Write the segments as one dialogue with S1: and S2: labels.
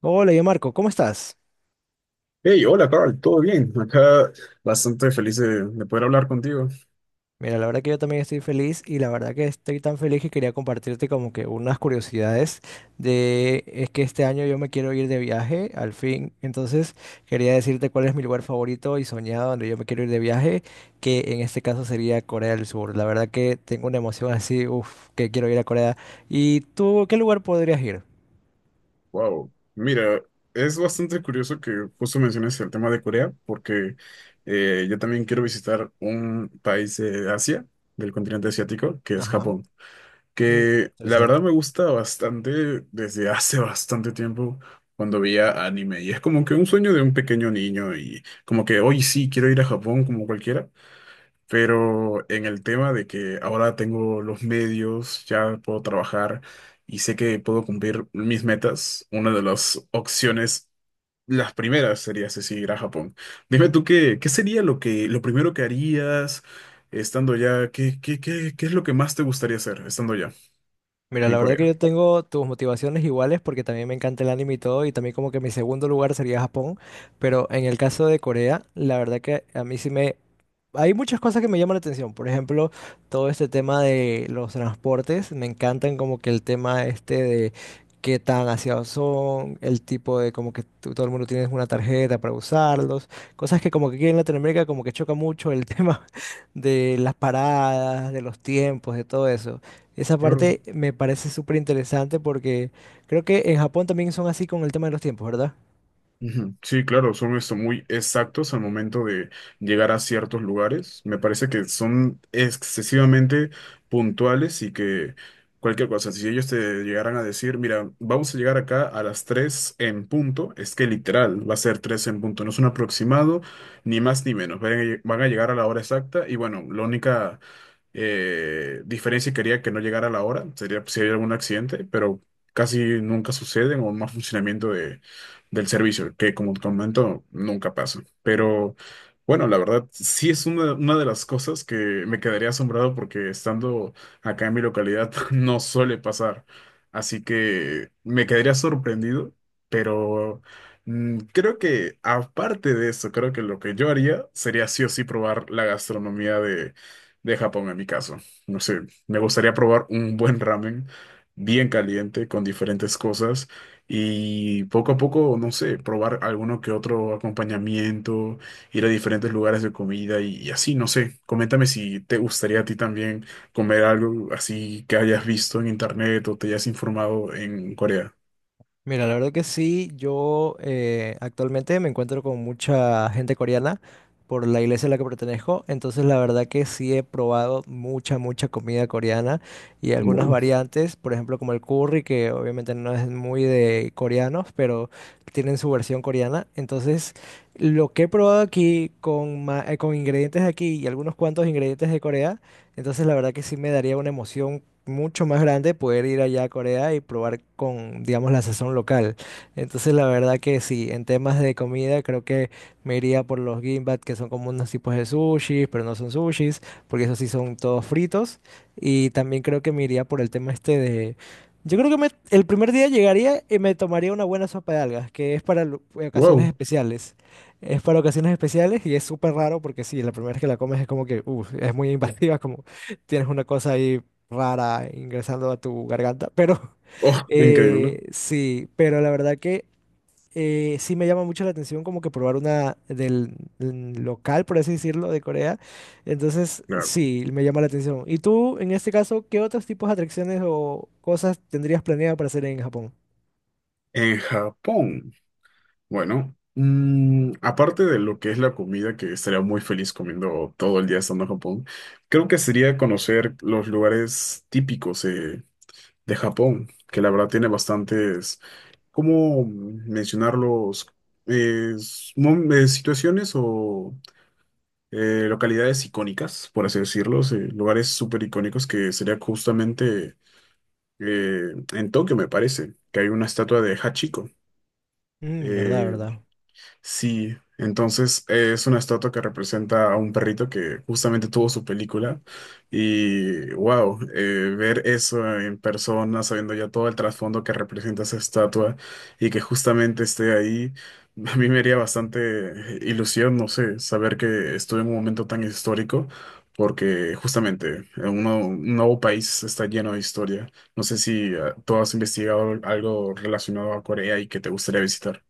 S1: Hola, yo Marco, ¿cómo estás?
S2: Hey, hola Carl, ¿todo bien? Acá bastante feliz de poder hablar contigo.
S1: Mira, la verdad que yo también estoy feliz y la verdad que estoy tan feliz que quería compartirte como que unas curiosidades de es que este año yo me quiero ir de viaje, al fin. Entonces, quería decirte cuál es mi lugar favorito y soñado donde yo me quiero ir de viaje, que en este caso sería Corea del Sur. La verdad que tengo una emoción así, uff, que quiero ir a Corea. ¿Y tú, qué lugar podrías ir?
S2: Wow, mira, es bastante curioso que justo menciones el tema de Corea, porque yo también quiero visitar un país de Asia, del continente asiático, que es
S1: Ajá.
S2: Japón,
S1: Mm,
S2: que la
S1: interesante.
S2: verdad me gusta bastante desde hace bastante tiempo cuando veía anime, y es como que un sueño de un pequeño niño, y como que hoy sí quiero ir a Japón como cualquiera. Pero en el tema de que ahora tengo los medios, ya puedo trabajar y sé que puedo cumplir mis metas, una de las opciones, las primeras sería sí, ir a Japón. Dime tú qué sería lo primero que harías estando ya, qué es lo que más te gustaría hacer estando ya
S1: Mira,
S2: en
S1: la verdad que
S2: Corea.
S1: yo tengo tus motivaciones iguales porque también me encanta el anime y todo, y también como que mi segundo lugar sería Japón, pero en el caso de Corea, la verdad que a mí sí me... Hay muchas cosas que me llaman la atención, por ejemplo, todo este tema de los transportes, me encantan como que el tema este de qué tan aseados son, el tipo de como que todo el mundo tiene una tarjeta para usarlos, cosas que como que aquí en Latinoamérica como que choca mucho el tema de las paradas, de los tiempos, de todo eso. Esa
S2: Claro.
S1: parte me parece súper interesante porque creo que en Japón también son así con el tema de los tiempos, ¿verdad?
S2: Ujú. Sí, claro, son esto muy exactos al momento de llegar a ciertos lugares. Me parece que son excesivamente puntuales y que cualquier cosa, si ellos te llegaran a decir, mira, vamos a llegar acá a las 3 en punto, es que literal va a ser 3 en punto, no es un aproximado, ni más ni menos. Van a llegar a la hora exacta y bueno, la única diferencia y quería que no llegara la hora, sería si hay algún accidente, pero casi nunca suceden o más funcionamiento del servicio, que como te comento, nunca pasa. Pero bueno, la verdad, sí es una de las cosas que me quedaría asombrado porque estando acá en mi localidad no suele pasar. Así que me quedaría sorprendido, pero... Mm, creo que aparte de eso, creo que lo que yo haría sería sí o sí probar la gastronomía de Japón en mi caso. No sé, me gustaría probar un buen ramen bien caliente con diferentes cosas y poco a poco, no sé, probar alguno que otro acompañamiento, ir a diferentes lugares de comida y así, no sé. Coméntame si te gustaría a ti también comer algo así que hayas visto en internet o te hayas informado en Corea.
S1: Mira, la verdad que sí, yo actualmente me encuentro con mucha gente coreana por la iglesia a la que pertenezco, entonces la verdad que sí he probado mucha comida coreana y algunas
S2: Wow.
S1: variantes, por ejemplo como el curry, que obviamente no es muy de coreanos, pero tienen su versión coreana, entonces lo que he probado aquí con, con ingredientes de aquí y algunos cuantos ingredientes de Corea, entonces la verdad que sí me daría una emoción mucho más grande poder ir allá a Corea y probar con, digamos, la sazón local. Entonces, la verdad que sí, en temas de comida creo que me iría por los gimbap, que son como unos tipos de sushis, pero no son sushis, porque esos sí son todos fritos. Y también creo que me iría por el tema este de... Yo creo que el primer día llegaría y me tomaría una buena sopa de algas, que es para ocasiones
S2: Wow.
S1: especiales. Es para ocasiones especiales y es súper raro porque sí, la primera vez que la comes es como que, uff, es muy invasiva, como tienes una cosa ahí rara ingresando a tu garganta, pero
S2: Oh, increíble.
S1: sí, pero la verdad que sí me llama mucho la atención como que probar una del, mm, local, por así decirlo, de Corea. Entonces,
S2: Claro.
S1: sí, me llama la atención. ¿Y tú, en este caso, qué otros tipos de atracciones o cosas tendrías planeado para hacer en Japón?
S2: En Japón. Bueno, mm, aparte de lo que es la comida, que estaría muy feliz comiendo todo el día estando en Japón, creo que sería conocer los lugares típicos de Japón, que la verdad tiene bastantes, ¿cómo mencionarlos? Situaciones o localidades icónicas, por así decirlo, lugares súper icónicos que sería justamente en Tokio, me parece, que hay una estatua de Hachiko.
S1: Mm, verdad,
S2: eh,
S1: verdad.
S2: Sí, entonces es una estatua que representa a un perrito que justamente tuvo su película y wow, ver eso en persona, sabiendo ya todo el trasfondo que representa esa estatua y que justamente esté ahí, a mí me haría bastante ilusión, no sé, saber que estuve en un momento tan histórico porque justamente un nuevo país está lleno de historia. No sé si tú has investigado algo relacionado a Corea y que te gustaría visitar.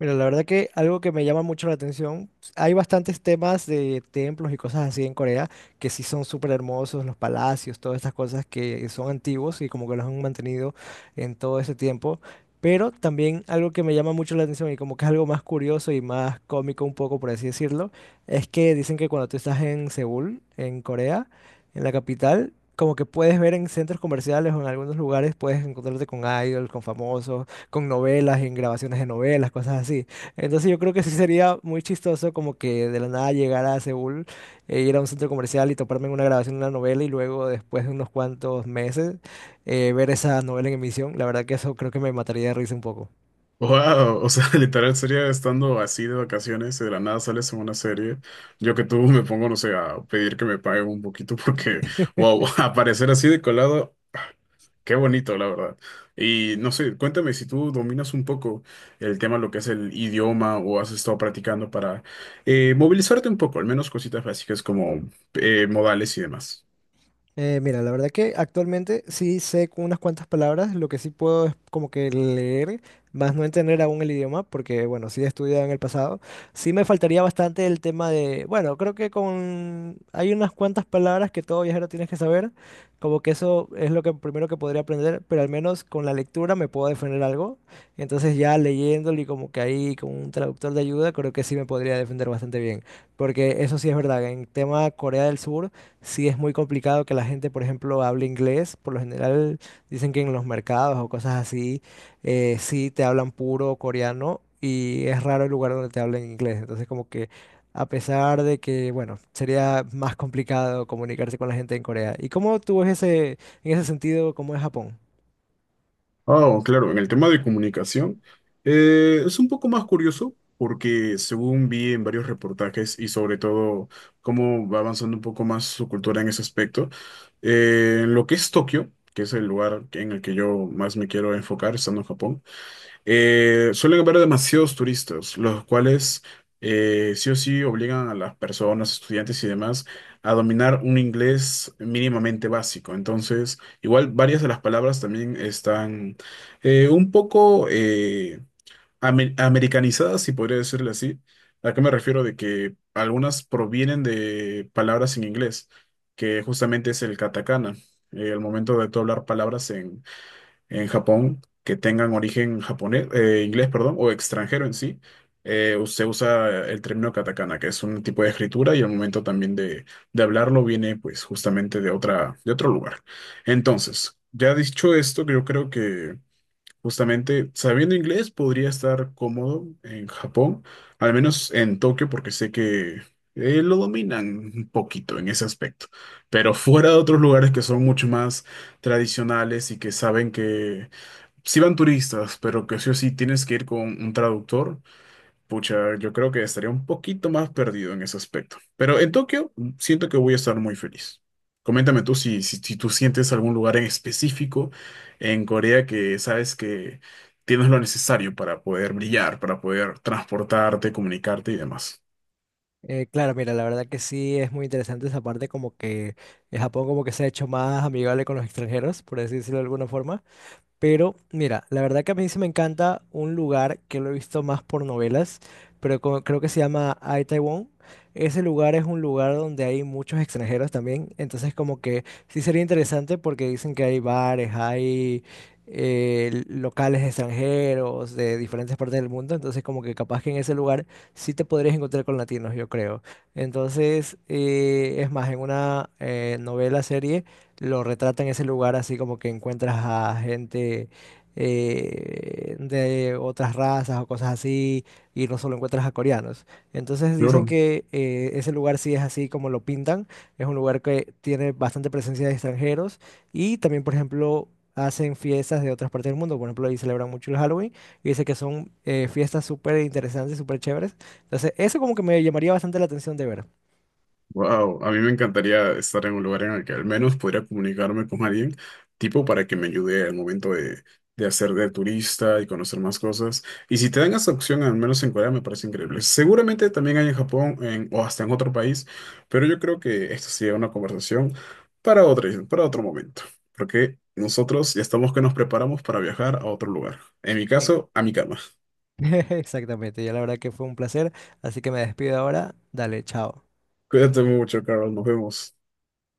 S1: Mira, la verdad que algo que me llama mucho la atención, pues, hay bastantes temas de templos y cosas así en Corea que sí son súper hermosos, los palacios, todas estas cosas que son antiguos y como que los han mantenido en todo ese tiempo. Pero también algo que me llama mucho la atención y como que es algo más curioso y más cómico un poco, por así decirlo, es que dicen que cuando tú estás en Seúl, en Corea, en la capital, como que puedes ver en centros comerciales o en algunos lugares, puedes encontrarte con idols, con famosos con novelas, en grabaciones de novelas, cosas así. Entonces yo creo que sí sería muy chistoso como que de la nada llegar a Seúl, e ir a un centro comercial y toparme en una grabación de una novela y luego después de unos cuantos meses ver esa novela en emisión. La verdad que eso creo que me mataría de risa un poco.
S2: Wow, o sea, literal sería estando así de vacaciones y de la nada sales en una serie. Yo que tú me pongo, no sé, a pedir que me paguen un poquito porque, wow, aparecer así de colado, qué bonito, la verdad. Y no sé, cuéntame si tú dominas un poco el tema, lo que es el idioma o has estado practicando para movilizarte un poco, al menos cositas básicas como modales y demás.
S1: Mira, la verdad que actualmente sí sé con unas cuantas palabras, lo que sí puedo es como que leer, más no entender aún el idioma, porque bueno, sí he estudiado en el pasado. Sí me faltaría bastante el tema de, bueno, creo que con hay unas cuantas palabras que todo viajero tienes que saber, como que eso es lo que primero que podría aprender, pero al menos con la lectura me puedo defender algo. Entonces ya leyéndolo y como que ahí con un traductor de ayuda, creo que sí me podría defender bastante bien, porque eso sí es verdad, en tema Corea del Sur. Sí, es muy complicado que la gente, por ejemplo, hable inglés. Por lo general dicen que en los mercados o cosas así, sí te hablan puro coreano y es raro el lugar donde te hablan inglés. Entonces, como que a pesar de que, bueno, sería más complicado comunicarse con la gente en Corea. ¿Y cómo tú ves ese, en ese sentido, cómo es Japón?
S2: Ah, claro, en el tema de comunicación es un poco más curioso porque según vi en varios reportajes y sobre todo cómo va avanzando un poco más su cultura en ese aspecto, en lo que es Tokio, que es el lugar en el que yo más me quiero enfocar estando en Japón, suelen haber demasiados turistas, los cuales sí o sí obligan a las personas, estudiantes y demás, a dominar un inglés mínimamente básico. Entonces, igual varias de las palabras también están un poco americanizadas, si podría decirle así. ¿A qué me refiero? De que algunas provienen de palabras en inglés, que justamente es el katakana. El momento de tú hablar palabras en Japón que tengan origen japonés, inglés, perdón, o extranjero en sí, se usa el término katakana, que es un tipo de escritura y al momento también de hablarlo viene pues justamente de otro lugar. Entonces, ya dicho esto, yo creo que justamente sabiendo inglés podría estar cómodo en Japón, al menos en Tokio, porque sé que... lo dominan un poquito en ese aspecto, pero fuera de otros lugares que son mucho más tradicionales y que saben que si van turistas, pero que sí o sí tienes que ir con un traductor, pucha, yo creo que estaría un poquito más perdido en ese aspecto. Pero en Tokio mm, siento que voy a estar muy feliz. Coméntame tú si tú sientes algún lugar en específico en Corea que sabes que tienes lo necesario para poder brillar, para poder transportarte, comunicarte y demás.
S1: Claro, mira, la verdad que sí es muy interesante esa parte, como que Japón como que se ha hecho más amigable con los extranjeros, por así decirlo de alguna forma. Pero mira, la verdad que a mí sí me encanta un lugar que lo he visto más por novelas, pero creo que se llama Ai Taiwán. Ese lugar es un lugar donde hay muchos extranjeros también, entonces como que sí sería interesante porque dicen que hay bares, hay locales extranjeros de diferentes partes del mundo, entonces como que capaz que en ese lugar sí te podrías encontrar con latinos, yo creo. Entonces, es más, en una novela serie lo retrata en ese lugar así como que encuentras a gente de otras razas o cosas así y no solo encuentras a coreanos. Entonces dicen
S2: Claro.
S1: que ese lugar sí es así como lo pintan, es un lugar que tiene bastante presencia de extranjeros y también por ejemplo hacen fiestas de otras partes del mundo, por ejemplo ahí celebran mucho el Halloween y dice que son fiestas súper interesantes, súper chéveres. Entonces eso como que me llamaría bastante la atención de ver.
S2: Wow, a mí me encantaría estar en un lugar en el que al menos pudiera comunicarme con alguien, tipo para que me ayude al momento de hacer de turista y conocer más cosas. Y si te dan esa opción, al menos en Corea, me parece increíble. Seguramente también hay en Japón o hasta en otro país, pero yo creo que esto sería una conversación para para otro momento, porque nosotros ya estamos que nos preparamos para viajar a otro lugar. En mi
S1: Eh,
S2: caso, a mi cama.
S1: Exactamente, ya la verdad que fue un placer, así que me despido ahora. Dale, chao.
S2: Cuídate mucho, Carol, nos vemos.